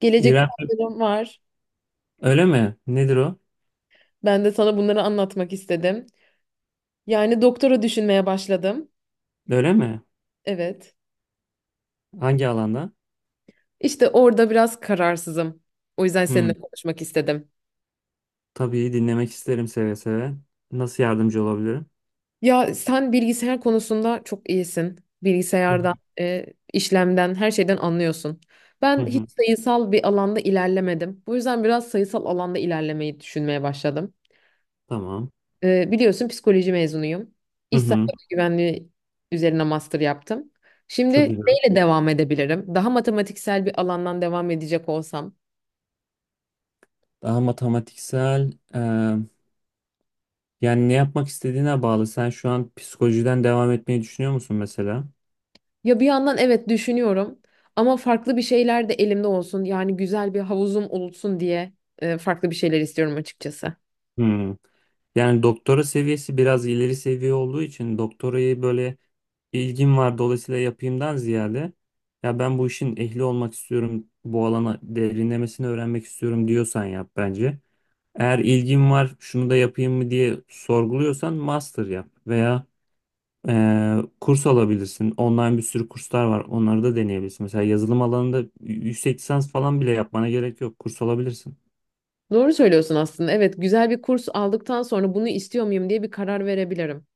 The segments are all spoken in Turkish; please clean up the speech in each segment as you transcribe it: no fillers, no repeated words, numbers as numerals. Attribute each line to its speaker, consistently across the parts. Speaker 1: Gelecek
Speaker 2: İrem
Speaker 1: planlarım var.
Speaker 2: öyle mi? Nedir o?
Speaker 1: Ben de sana bunları anlatmak istedim. Yani doktora düşünmeye başladım.
Speaker 2: Öyle mi?
Speaker 1: Evet.
Speaker 2: Hangi alanda?
Speaker 1: İşte orada biraz kararsızım. O yüzden seninle
Speaker 2: Hmm.
Speaker 1: konuşmak istedim.
Speaker 2: Tabii dinlemek isterim seve seve. Nasıl yardımcı olabilirim?
Speaker 1: Ya sen bilgisayar konusunda çok iyisin.
Speaker 2: Hı hı.
Speaker 1: Bilgisayardan, e, işlemden, her şeyden anlıyorsun.
Speaker 2: Hı
Speaker 1: Ben hiç
Speaker 2: hı,
Speaker 1: sayısal bir alanda ilerlemedim. Bu yüzden biraz sayısal alanda ilerlemeyi düşünmeye başladım.
Speaker 2: Tamam.
Speaker 1: Biliyorsun psikoloji mezunuyum.
Speaker 2: Hı
Speaker 1: İş
Speaker 2: hı.
Speaker 1: sağlığı güvenliği üzerine master yaptım. Şimdi
Speaker 2: Çok güzel.
Speaker 1: neyle devam edebilirim? Daha matematiksel bir alandan devam edecek olsam.
Speaker 2: Daha matematiksel yani ne yapmak istediğine bağlı. Sen şu an psikolojiden devam etmeyi düşünüyor musun mesela?
Speaker 1: Ya bir yandan evet düşünüyorum ama farklı bir şeyler de elimde olsun. Yani güzel bir havuzum olsun diye farklı bir şeyler istiyorum açıkçası.
Speaker 2: Hı. Yani doktora seviyesi biraz ileri seviye olduğu için doktorayı böyle ilgim var dolayısıyla yapayımdan ziyade ya ben bu işin ehli olmak istiyorum, bu alana derinlemesine öğrenmek istiyorum diyorsan yap bence. Eğer ilgin var şunu da yapayım mı diye sorguluyorsan master yap veya kurs alabilirsin. Online bir sürü kurslar var onları da deneyebilirsin. Mesela yazılım alanında yüksek lisans falan bile yapmana gerek yok kurs alabilirsin.
Speaker 1: Doğru söylüyorsun aslında. Evet, güzel bir kurs aldıktan sonra bunu istiyor muyum diye bir karar verebilirim.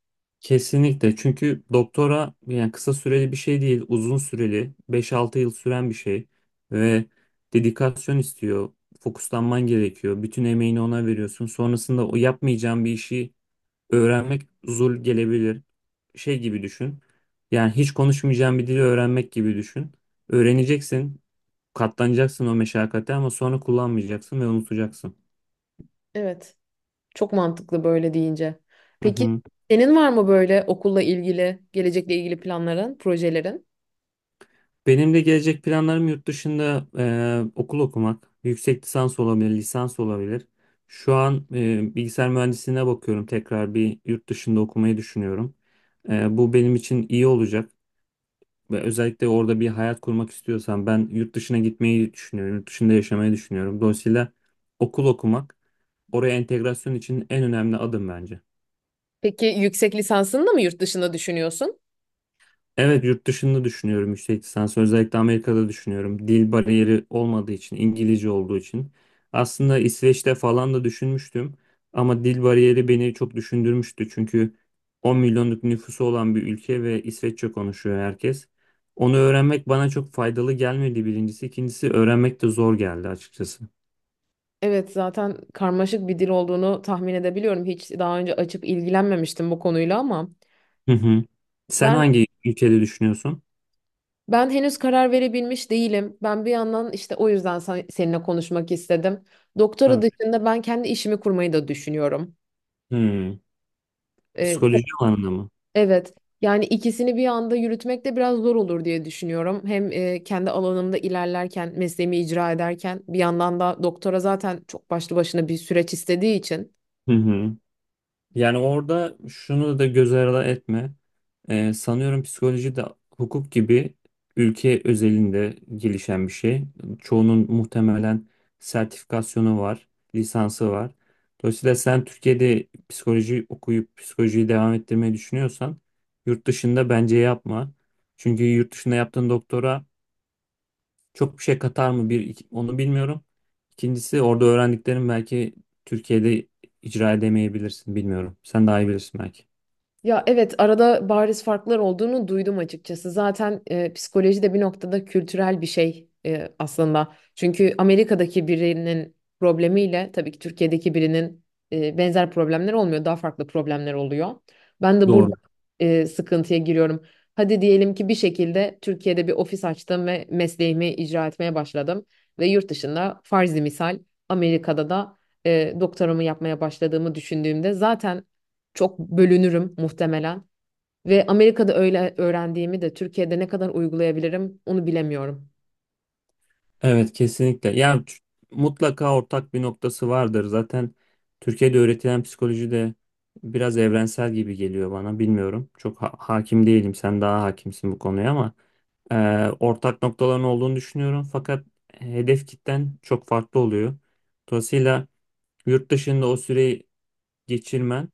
Speaker 2: Kesinlikle çünkü doktora yani kısa süreli bir şey değil uzun süreli 5-6 yıl süren bir şey ve dedikasyon istiyor fokuslanman gerekiyor bütün emeğini ona veriyorsun sonrasında o yapmayacağın bir işi öğrenmek zul gelebilir şey gibi düşün yani hiç konuşmayacağın bir dili öğrenmek gibi düşün öğreneceksin katlanacaksın o meşakkate ama sonra kullanmayacaksın ve unutacaksın.
Speaker 1: Evet, çok mantıklı böyle deyince. Peki senin var mı böyle okulla ilgili, gelecekle ilgili planların, projelerin?
Speaker 2: Benim de gelecek planlarım yurt dışında okul okumak, yüksek lisans olabilir, lisans olabilir. Şu an bilgisayar mühendisliğine bakıyorum. Tekrar bir yurt dışında okumayı düşünüyorum. Bu benim için iyi olacak. Ve özellikle orada bir hayat kurmak istiyorsam ben yurt dışına gitmeyi düşünüyorum. Yurt dışında yaşamayı düşünüyorum. Dolayısıyla okul okumak oraya entegrasyon için en önemli adım bence.
Speaker 1: Peki yüksek lisansını da mı yurt dışında düşünüyorsun?
Speaker 2: Evet yurt dışında düşünüyorum yüksek lisans. Özellikle Amerika'da düşünüyorum. Dil bariyeri olmadığı için, İngilizce olduğu için. Aslında İsveç'te falan da düşünmüştüm. Ama dil bariyeri beni çok düşündürmüştü. Çünkü 10 milyonluk nüfusu olan bir ülke ve İsveççe konuşuyor herkes. Onu öğrenmek bana çok faydalı gelmedi birincisi. İkincisi öğrenmek de zor geldi açıkçası.
Speaker 1: Evet, zaten karmaşık bir dil olduğunu tahmin edebiliyorum. Hiç daha önce açıp ilgilenmemiştim bu konuyla ama
Speaker 2: Hı hı. Sen
Speaker 1: ben
Speaker 2: hangi ülkede düşünüyorsun?
Speaker 1: Ben henüz karar verebilmiş değilim. Ben bir yandan işte o yüzden seninle konuşmak istedim. Doktora
Speaker 2: Tabii.
Speaker 1: dışında ben kendi işimi kurmayı da düşünüyorum.
Speaker 2: Hmm.
Speaker 1: Ee,
Speaker 2: Psikoloji alanında mı?
Speaker 1: evet. Yani ikisini bir anda yürütmek de biraz zor olur diye düşünüyorum. Hem kendi alanımda ilerlerken, mesleğimi icra ederken bir yandan da doktora zaten çok başlı başına bir süreç istediği için.
Speaker 2: Hı hı. Yani orada şunu da göz ardı etme. Sanıyorum psikoloji de hukuk gibi ülke özelinde gelişen bir şey. Çoğunun muhtemelen sertifikasyonu var, lisansı var. Dolayısıyla sen Türkiye'de psikoloji okuyup psikolojiyi devam ettirmeyi düşünüyorsan yurt dışında bence yapma. Çünkü yurt dışında yaptığın doktora çok bir şey katar mı onu bilmiyorum. İkincisi orada öğrendiklerim belki Türkiye'de icra edemeyebilirsin bilmiyorum. Sen daha iyi bilirsin belki.
Speaker 1: Ya evet arada bariz farklar olduğunu duydum açıkçası. Zaten psikoloji de bir noktada kültürel bir şey aslında. Çünkü Amerika'daki birinin problemiyle tabii ki Türkiye'deki birinin benzer problemler olmuyor. Daha farklı problemler oluyor. Ben de burada
Speaker 2: Doğru.
Speaker 1: e, sıkıntıya giriyorum. Hadi diyelim ki bir şekilde Türkiye'de bir ofis açtım ve mesleğimi icra etmeye başladım. Ve yurt dışında farzi misal Amerika'da da doktoramı yapmaya başladığımı düşündüğümde zaten çok bölünürüm muhtemelen. Ve Amerika'da öyle öğrendiğimi de Türkiye'de ne kadar uygulayabilirim onu bilemiyorum.
Speaker 2: Evet kesinlikle. Ya mutlaka ortak bir noktası vardır. Zaten Türkiye'de öğretilen psikoloji de biraz evrensel gibi geliyor bana. Bilmiyorum. Çok hakim değilim. Sen daha hakimsin bu konuya ama e, ortak noktaların olduğunu düşünüyorum. Fakat hedef kitlen çok farklı oluyor. Dolayısıyla yurt dışında o süreyi geçirmen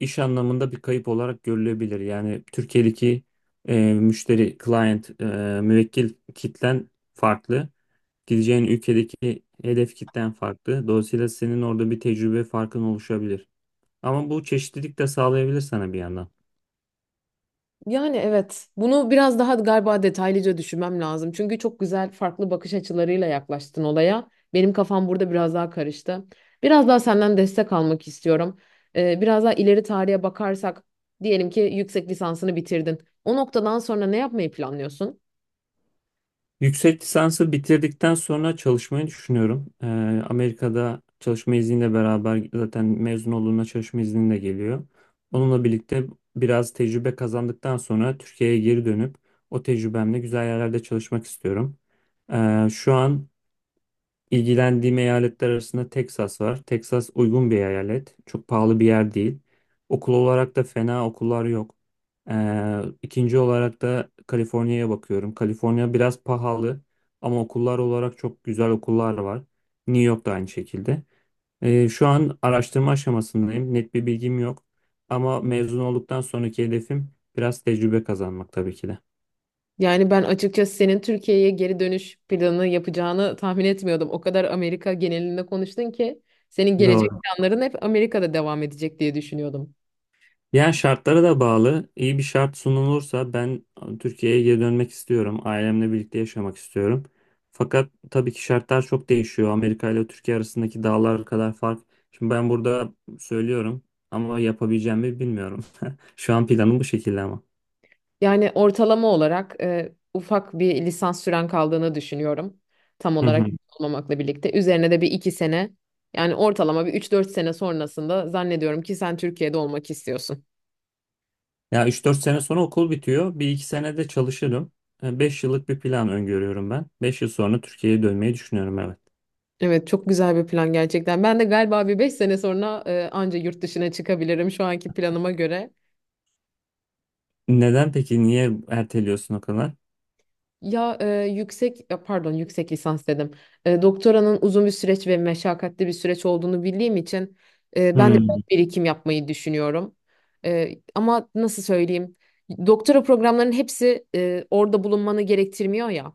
Speaker 2: iş anlamında bir kayıp olarak görülebilir. Yani Türkiye'deki müşteri, client, müvekkil kitlen farklı. Gideceğin ülkedeki hedef kitlen farklı. Dolayısıyla senin orada bir tecrübe farkın oluşabilir. Ama bu çeşitlilik de sağlayabilir sana bir yandan.
Speaker 1: Yani evet. Bunu biraz daha galiba detaylıca düşünmem lazım. Çünkü çok güzel farklı bakış açılarıyla yaklaştın olaya. Benim kafam burada biraz daha karıştı. Biraz daha senden destek almak istiyorum. Biraz daha ileri tarihe bakarsak diyelim ki yüksek lisansını bitirdin. O noktadan sonra ne yapmayı planlıyorsun?
Speaker 2: Yüksek lisansı bitirdikten sonra çalışmayı düşünüyorum. Amerika'da çalışma izniyle beraber zaten mezun olduğunda çalışma izni de geliyor. Onunla birlikte biraz tecrübe kazandıktan sonra Türkiye'ye geri dönüp o tecrübemle güzel yerlerde çalışmak istiyorum. Şu an İlgilendiğim eyaletler arasında Texas var. Texas uygun bir eyalet. Çok pahalı bir yer değil. Okul olarak da fena okullar yok. İkinci olarak da Kaliforniya'ya bakıyorum. Kaliforniya biraz pahalı ama okullar olarak çok güzel okullar var. New York da aynı şekilde. Şu an araştırma aşamasındayım. Net bir bilgim yok. Ama mezun olduktan sonraki hedefim biraz tecrübe kazanmak tabii ki de.
Speaker 1: Yani ben açıkçası senin Türkiye'ye geri dönüş planı yapacağını tahmin etmiyordum. O kadar Amerika genelinde konuştun ki senin gelecek
Speaker 2: Doğru.
Speaker 1: planların hep Amerika'da devam edecek diye düşünüyordum.
Speaker 2: Yani şartlara da bağlı. İyi bir şart sunulursa ben Türkiye'ye geri dönmek istiyorum. Ailemle birlikte yaşamak istiyorum. Fakat tabii ki şartlar çok değişiyor. Amerika ile Türkiye arasındaki dağlar kadar fark. Şimdi ben burada söylüyorum ama yapabileceğimi bilmiyorum. Şu an planım bu şekilde ama.
Speaker 1: Yani ortalama olarak ufak bir lisans süren kaldığını düşünüyorum. Tam
Speaker 2: Hı
Speaker 1: olarak
Speaker 2: hı.
Speaker 1: olmamakla birlikte. Üzerine de bir iki sene yani ortalama bir üç dört sene sonrasında zannediyorum ki sen Türkiye'de olmak istiyorsun.
Speaker 2: Ya üç dört sene sonra okul bitiyor. Bir iki sene de çalışırım. 5 yıllık bir plan öngörüyorum ben. 5 yıl sonra Türkiye'ye dönmeyi düşünüyorum evet.
Speaker 1: Evet çok güzel bir plan gerçekten. Ben de galiba bir 5 sene sonra anca yurt dışına çıkabilirim şu anki planıma göre.
Speaker 2: Neden peki? Niye erteliyorsun o kadar?
Speaker 1: Ya e, yüksek ya pardon yüksek lisans dedim. Doktoranın uzun bir süreç ve meşakkatli bir süreç olduğunu bildiğim için ben de biraz
Speaker 2: Hmm.
Speaker 1: birikim yapmayı düşünüyorum. Ama nasıl söyleyeyim? Doktora programlarının hepsi orada bulunmanı gerektirmiyor ya.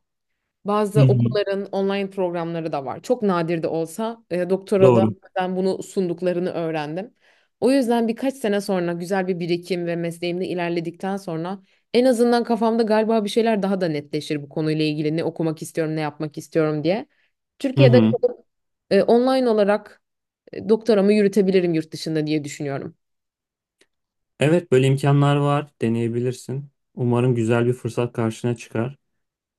Speaker 2: Hı
Speaker 1: Bazı
Speaker 2: hı.
Speaker 1: okulların online programları da var. Çok nadir de olsa doktora da
Speaker 2: Doğru.
Speaker 1: ben bunu sunduklarını öğrendim. O yüzden birkaç sene sonra güzel bir birikim ve mesleğimde ilerledikten sonra en azından kafamda galiba bir şeyler daha da netleşir bu konuyla ilgili ne okumak istiyorum, ne yapmak istiyorum diye.
Speaker 2: Hı
Speaker 1: Türkiye'de
Speaker 2: hı.
Speaker 1: e, online olarak doktoramı yürütebilirim yurt dışında diye düşünüyorum.
Speaker 2: Evet böyle imkanlar var deneyebilirsin. Umarım güzel bir fırsat karşına çıkar.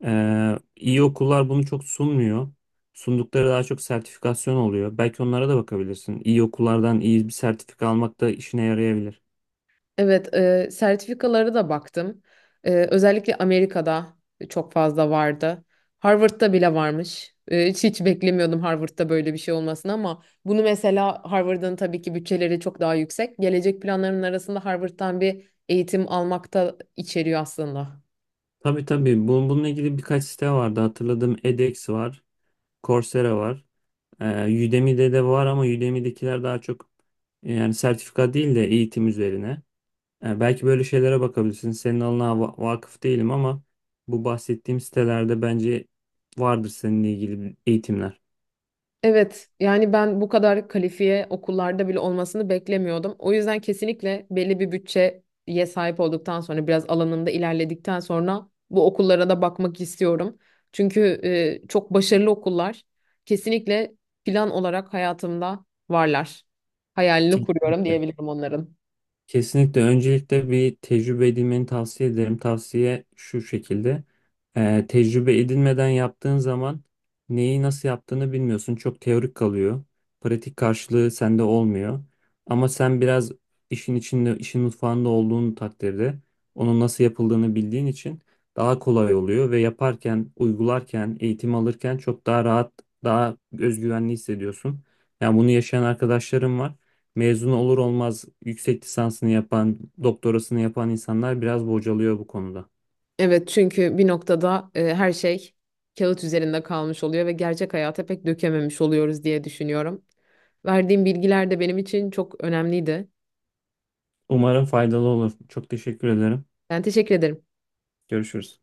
Speaker 2: İyi okullar bunu çok sunmuyor. Sundukları daha çok sertifikasyon oluyor. Belki onlara da bakabilirsin. İyi okullardan iyi bir sertifika almak da işine yarayabilir.
Speaker 1: Evet, sertifikalara da baktım. Özellikle Amerika'da çok fazla vardı. Harvard'da bile varmış. Hiç beklemiyordum Harvard'da böyle bir şey olmasını ama bunu mesela Harvard'ın tabii ki bütçeleri çok daha yüksek. Gelecek planlarımın arasında Harvard'dan bir eğitim almak da içeriyor aslında.
Speaker 2: Tabii tabii Bununla ilgili birkaç site vardı. Hatırladığım edX var, Coursera var. Udemy'de de var ama Udemy'dekiler daha çok yani sertifika değil de eğitim üzerine. Yani belki böyle şeylere bakabilirsin. Senin alanına vakıf değilim ama bu bahsettiğim sitelerde bence vardır seninle ilgili eğitimler.
Speaker 1: Evet, yani ben bu kadar kalifiye okullarda bile olmasını beklemiyordum. O yüzden kesinlikle belli bir bütçeye sahip olduktan sonra biraz alanında ilerledikten sonra bu okullara da bakmak istiyorum. Çünkü çok başarılı okullar kesinlikle plan olarak hayatımda varlar. Hayalini kuruyorum
Speaker 2: Kesinlikle.
Speaker 1: diyebilirim onların.
Speaker 2: Kesinlikle öncelikle bir tecrübe edinmeni tavsiye ederim. Tavsiye şu şekilde. Tecrübe edinmeden yaptığın zaman neyi nasıl yaptığını bilmiyorsun. Çok teorik kalıyor. Pratik karşılığı sende olmuyor. Ama sen biraz işin içinde, işin mutfağında olduğun takdirde onun nasıl yapıldığını bildiğin için daha kolay oluyor ve yaparken, uygularken, eğitim alırken çok daha rahat, daha özgüvenli hissediyorsun. Yani bunu yaşayan arkadaşlarım var mezun olur olmaz yüksek lisansını yapan, doktorasını yapan insanlar biraz bocalıyor bu konuda.
Speaker 1: Evet, çünkü bir noktada her şey kağıt üzerinde kalmış oluyor ve gerçek hayata pek dökememiş oluyoruz diye düşünüyorum. Verdiğim bilgiler de benim için çok önemliydi.
Speaker 2: Umarım faydalı olur. Çok teşekkür ederim.
Speaker 1: Ben teşekkür ederim.
Speaker 2: Görüşürüz.